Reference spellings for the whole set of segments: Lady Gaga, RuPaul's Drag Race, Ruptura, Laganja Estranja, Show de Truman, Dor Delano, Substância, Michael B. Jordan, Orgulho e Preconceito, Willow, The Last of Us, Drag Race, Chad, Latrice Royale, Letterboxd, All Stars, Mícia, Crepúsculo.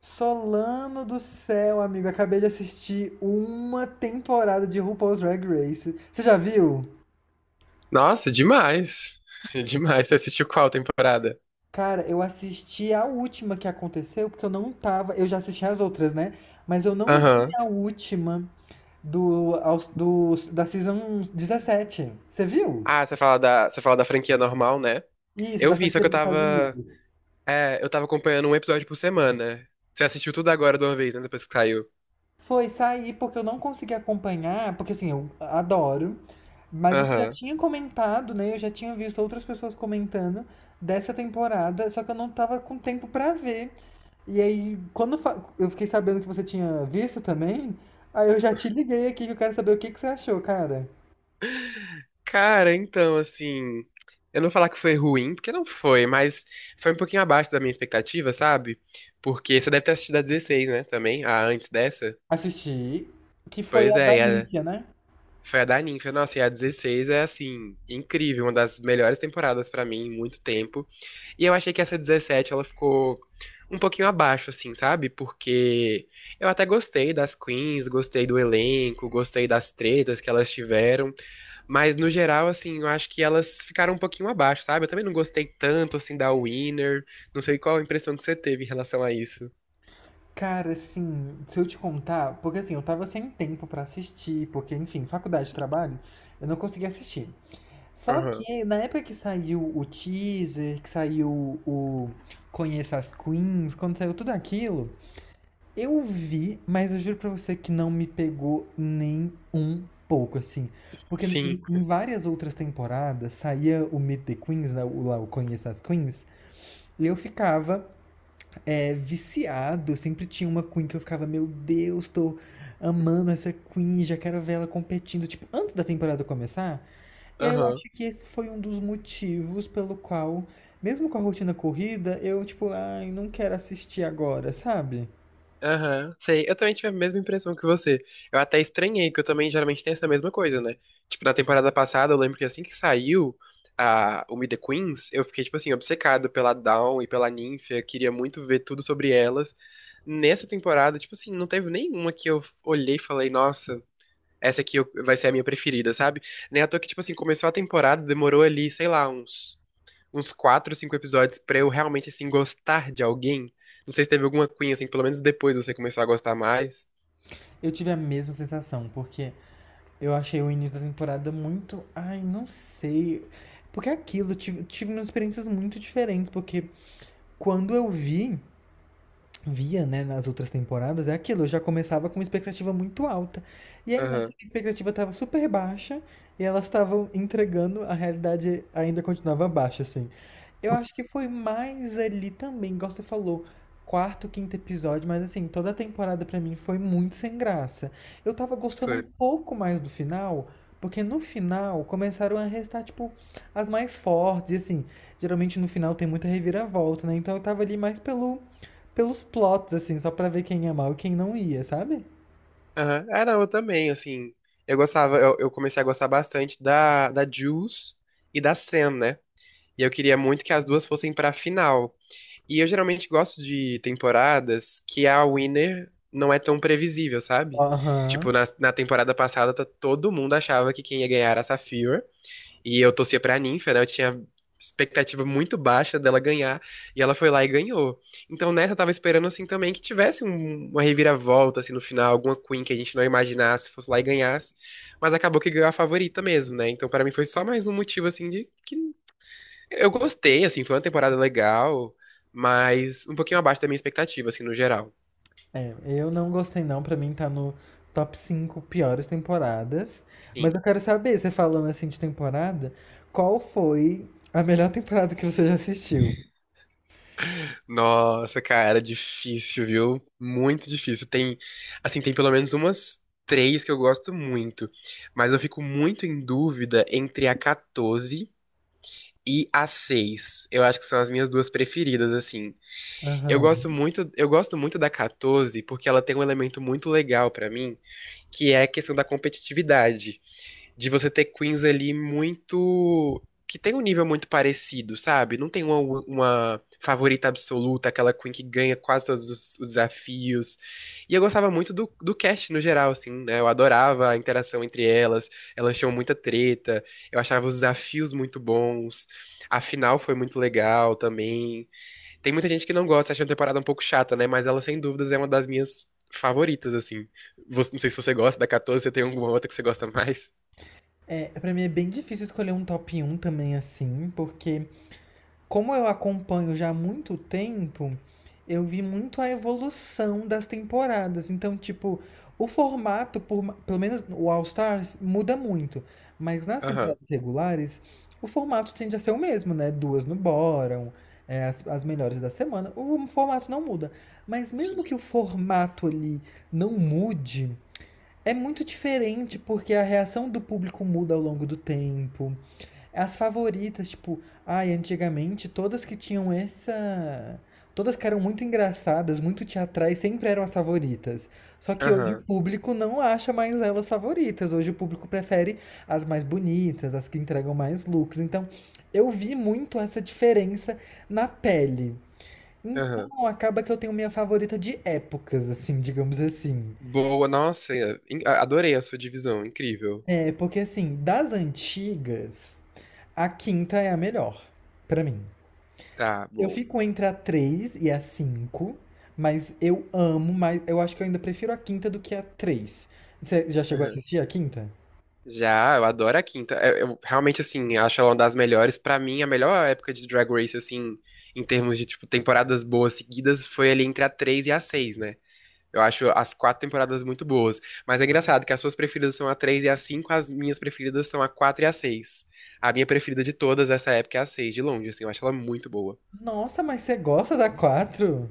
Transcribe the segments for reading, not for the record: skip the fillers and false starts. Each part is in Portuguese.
Solano do céu, amigo, acabei de assistir uma temporada de RuPaul's Drag Race. Você já viu? Nossa, demais. Demais. Você assistiu qual temporada? Cara, eu assisti a última que aconteceu, porque eu não tava. Eu já assisti as outras, né? Mas eu não vi Aham. a última da season 17. Você viu? Ah, você fala da franquia normal, né? Isso, Eu da vi, só franquia que eu dos Estados tava. Unidos. É, eu tava acompanhando um episódio por semana. Você assistiu tudo agora de uma vez, né? Depois que saiu. Foi sair porque eu não consegui acompanhar, porque assim, eu adoro, mas você já Aham. tinha comentado, né? Eu já tinha visto outras pessoas comentando dessa temporada, só que eu não tava com tempo pra ver. E aí, quando eu fiquei sabendo que você tinha visto também, aí eu já te liguei aqui que eu quero saber o que que você achou, cara. Cara, então, assim. Eu não vou falar que foi ruim, porque não foi, mas foi um pouquinho abaixo da minha expectativa, sabe? Porque você deve ter assistido a 16, né? Também, a antes dessa. Assisti, que foi Pois a da é, Mícia, né? foi a da Ninfa, nossa, e a 16 é assim, incrível, uma das melhores temporadas pra mim em muito tempo. E eu achei que essa 17 ela ficou um pouquinho abaixo, assim, sabe? Porque eu até gostei das queens, gostei do elenco, gostei das tretas que elas tiveram, mas no geral, assim, eu acho que elas ficaram um pouquinho abaixo, sabe? Eu também não gostei tanto, assim, da Winner, não sei qual a impressão que você teve em relação a isso. Cara, assim, se eu te contar, porque assim, eu tava sem tempo pra assistir, porque enfim, faculdade, trabalho, eu não consegui assistir. Só Aham, que na época que saiu o teaser, que saiu o Conheça as Queens, quando saiu tudo aquilo, eu vi, mas eu juro pra você que não me pegou nem um pouco, assim. Porque em sim, em várias outras temporadas saía o Meet the Queens, né, lá o Conheça as Queens, e eu ficava viciado, sempre tinha uma Queen que eu ficava, meu Deus, tô amando essa Queen, já quero ver ela competindo. Tipo, antes da temporada começar, e aí eu aham. acho que esse foi um dos motivos pelo qual, mesmo com a rotina corrida, eu tipo, ai, não quero assistir agora, sabe? Aham, sei. Eu também tive a mesma impressão que você. Eu até estranhei, que eu também geralmente tenho essa mesma coisa, né? Tipo, na temporada passada, eu lembro que assim que saiu o Meet the Queens, eu fiquei, tipo assim, obcecado pela Dawn e pela Ninfa, queria muito ver tudo sobre elas. Nessa temporada, tipo assim, não teve nenhuma que eu olhei e falei, nossa, essa aqui vai ser a minha preferida, sabe? Nem à toa que, tipo assim, começou a temporada, demorou ali, sei lá, uns quatro, cinco episódios pra eu realmente, assim, gostar de alguém. Não sei se teve alguma cunha, assim, que pelo menos depois você começou a gostar mais. Eu tive a mesma sensação, porque eu achei o início da temporada muito, ai, não sei. Porque é aquilo, eu tive umas experiências muito diferentes, porque quando via, né, nas outras temporadas, é aquilo, eu já começava com uma expectativa muito alta. E aí nessa Aham, minha expectativa estava super baixa e elas estavam entregando, a realidade ainda continuava baixa, assim. Eu acho que foi mais ali também, igual você falou, quarto, quinto episódio, mas assim, toda a temporada pra mim foi muito sem graça. Eu tava gostando um foi. pouco mais do final, porque no final começaram a restar, tipo, as mais fortes, e assim, geralmente no final tem muita reviravolta, né? Então eu tava ali mais pelos plots, assim, só pra ver quem ia mal e quem não ia, sabe? Aham. Ah, não, eu também, assim. Eu comecei a gostar bastante da Jules e da Sam, né? E eu queria muito que as duas fossem pra final. E eu geralmente gosto de temporadas que a winner não é tão previsível, sabe? Tipo, Aham. na temporada passada, todo mundo achava que quem ia ganhar era a Sapphire. E eu torcia pra ninfa, né? Eu tinha expectativa muito baixa dela ganhar. E ela foi lá e ganhou. Então nessa eu tava esperando, assim, também que tivesse uma reviravolta, assim, no final. Alguma Queen que a gente não imaginasse, fosse lá e ganhasse. Mas acabou que ganhou a favorita mesmo, né? Então pra mim foi só mais um motivo, assim, de que eu gostei, assim. Foi uma temporada legal, mas um pouquinho abaixo da minha expectativa, assim, no geral. É, eu não gostei não, pra mim tá no top 5 piores temporadas. Mas Sim. eu quero saber, você falando assim de temporada, qual foi a melhor temporada que você já assistiu? Nossa, cara, difícil, viu? Muito difícil. Tem, assim, tem pelo menos umas três que eu gosto muito, mas eu fico muito em dúvida entre a 14 e a 6. Eu acho que são as minhas duas preferidas, assim. Aham. Eu gosto muito da 14 porque ela tem um elemento muito legal pra mim, que é a questão da competitividade de você ter queens ali muito, que tem um nível muito parecido, sabe? Não tem uma favorita absoluta, aquela queen que ganha quase todos os desafios. E eu gostava muito do cast no geral, assim, né? Eu adorava a interação entre elas, elas tinham muita treta, eu achava os desafios muito bons, a final foi muito legal também. Tem muita gente que não gosta, acha a temporada um pouco chata, né? Mas ela, sem dúvidas, é uma das minhas favoritas, assim. Não sei se você gosta da 14, você tem alguma outra que você gosta mais? É, pra mim é bem difícil escolher um top um também assim, porque como eu acompanho já há muito tempo, eu vi muito a evolução das temporadas. Então, tipo, o formato, pelo menos o All Stars, muda muito. Mas nas Aham. temporadas regulares, o formato tende a ser o mesmo, né? Duas no bottom, as melhores da semana. O formato não muda. Mas mesmo Sim. que o formato ali não mude, é muito diferente porque a reação do público muda ao longo do tempo. As favoritas, tipo, ai, antigamente todas que tinham essa. Todas que eram muito engraçadas, muito teatrais, sempre eram as favoritas. Só que hoje o Aham, público não acha mais elas favoritas. Hoje o público prefere as mais bonitas, as que entregam mais looks. Então, eu vi muito essa diferença na pele. aham. Então, acaba que eu tenho minha favorita de épocas, assim, digamos assim. Boa, nossa, é, adorei a sua divisão, incrível. É, porque assim, das antigas, a quinta é a melhor, pra mim. Tá, Eu bom. fico entre a 3 e a 5, mas eu amo, mas eu acho que eu ainda prefiro a quinta do que a três. Você já chegou a Aham. assistir a quinta? Já, eu adoro a quinta. Eu realmente, assim, acho ela uma das melhores. Pra mim, a melhor época de Drag Race, assim, em termos de, tipo, temporadas boas seguidas, foi ali entre a 3 e a seis, né? Eu acho as quatro temporadas muito boas. Mas é engraçado que as suas preferidas são a 3 e a cinco, as minhas preferidas são a 4 e a seis. A minha preferida de todas essa época é a 6 de longe, assim, eu acho ela muito boa. Nossa, mas você gosta da quatro?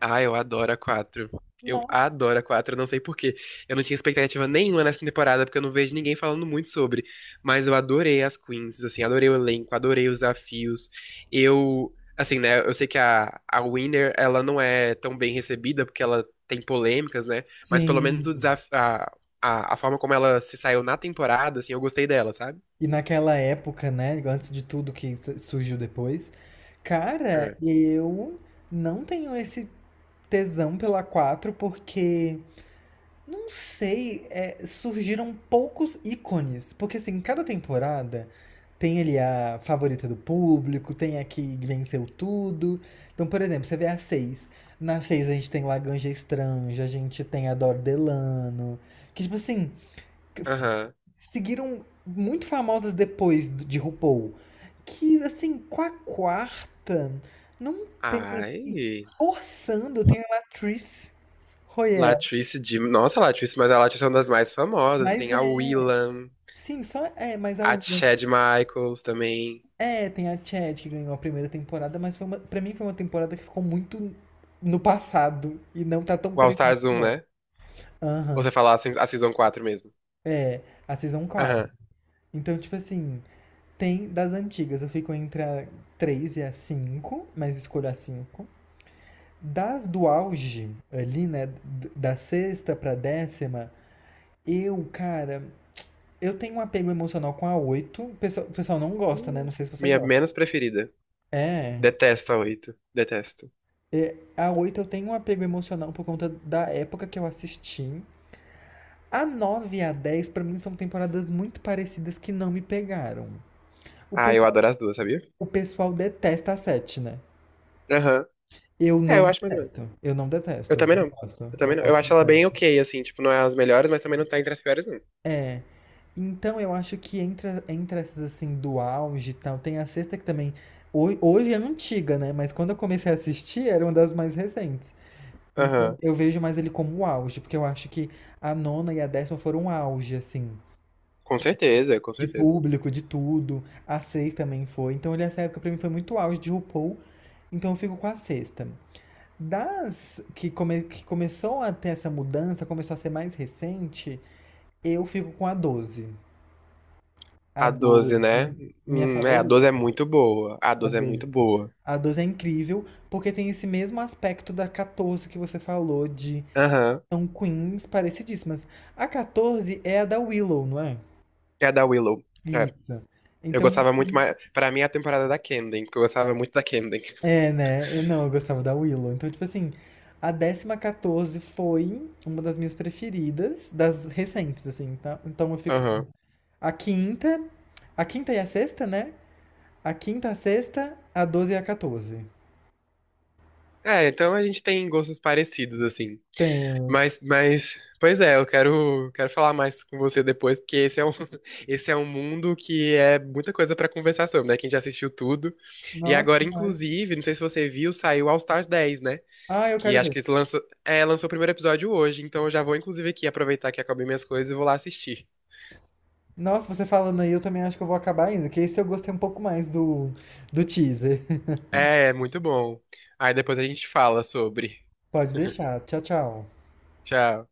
Ah, eu adoro a 4. Eu Nossa. adoro a 4, eu não sei por quê. Eu não tinha expectativa nenhuma nessa temporada, porque eu não vejo ninguém falando muito sobre. Mas eu adorei as Queens, assim, adorei o elenco, adorei os desafios. Eu, assim, né, eu sei que a Winner, ela não é tão bem recebida, porque ela tem polêmicas, né? Mas pelo menos Sim. o desafio, a forma como ela se saiu na temporada, assim, eu gostei dela, sabe? E naquela época, né, antes de tudo que surgiu depois, cara, É. eu não tenho esse tesão pela 4 porque não sei, surgiram poucos ícones, porque assim, cada temporada tem ali a favorita do público, tem a que venceu tudo. Então, por exemplo, você vê a seis. Na 6 a gente tem Laganja Estranja, a gente tem a Dor Delano, que tipo assim, Aham. seguiram muito famosas depois de RuPaul, que assim, com a quarta não tem assim, Ai. forçando, tem a Latrice Royale, Latrice de. Nossa, Latrice, mas a Latrice é uma das mais famosas. mas Tem a é. Willam. Sim, só é, mas a A última. Chad Michaels também. É, tem a Chad que ganhou a primeira temporada, mas foi para mim foi uma temporada que ficou muito no passado e não tá tão O All presente Stars um, agora. né? Ou Aham. você fala a se- a Season 4 mesmo? É, a Season quatro. Aham. Então, tipo assim, tem das antigas, eu fico entre a 3 e a 5, mas escolho a cinco. Das do auge, ali, né, da sexta pra 10ª, eu, cara, eu tenho um apego emocional com a oito. O pessoal não gosta, né? Não Hum. sei se você Minha gosta. menos preferida. É. Detesto a 8, detesto. É, a 8 eu tenho um apego emocional por conta da época que eu assisti. A 9 e a 10 pra mim, são temporadas muito parecidas que não me pegaram. O Ah, eu pessoal, adoro as duas, sabia? o pessoal detesta a 7, né? Aham. Eu É, eu não acho mais ou menos. detesto. Eu não Eu detesto. também Eu não. gosto. Eu Eu também não. Eu gosto de acho ela 7. bem ok, assim. Tipo, não é as melhores, mas também não tá entre as piores, não. É. Então eu acho que entre essas assim do auge e tal, tem a sexta que também. Hoje é antiga, né? Mas quando eu comecei a assistir, era uma das mais recentes. Então Aham. eu vejo mais ele como o auge, porque eu acho que a nona e a 10ª foram um auge, assim, Com certeza, com de certeza. público, de tudo. A seis também foi. Então ele, essa época pra mim foi muito auge de RuPaul, então eu fico com a sexta. Das que, que começou a ter essa mudança, começou a ser mais recente, eu fico com a 12. A A 12, né? 12 minha É, a 12 favorita. é muito boa. A A 12 é 12. muito boa. A 12 é incrível, porque tem esse mesmo aspecto da 14 que você falou, de. Aham. São queens parecidíssimas. A 14 é a da Willow, não é? É a da Willow. É. Isso. Eu Então, gostava muito mais. Pra mim, é a temporada da Camden, porque eu gostava muito da Camden. é, né? Não, eu gostava da Willow. Então, tipo assim, a 10ª 14 foi uma das minhas preferidas, das recentes, assim, tá? Então eu fico. Aham. A quinta, a quinta e a sexta, né? A quinta, a sexta, a 12 e a 14. É, então a gente tem gostos parecidos, assim. Temos. Pois é, eu quero falar mais com você depois, porque esse é um, esse é um mundo que é muita coisa pra conversar sobre, né? Quem já assistiu tudo. E Nossa, agora, demais. inclusive, não sei se você viu, saiu All Stars 10, né? Ah, eu Que quero acho ver. que eles lançou o primeiro episódio hoje, então eu já vou, inclusive, aqui aproveitar que acabei minhas coisas e vou lá assistir. Nossa, você falando aí, eu também acho que eu vou acabar indo, que esse eu gostei um pouco mais do teaser. É, muito bom. Aí depois a gente fala sobre. Pode deixar. Tchau, tchau. Tchau.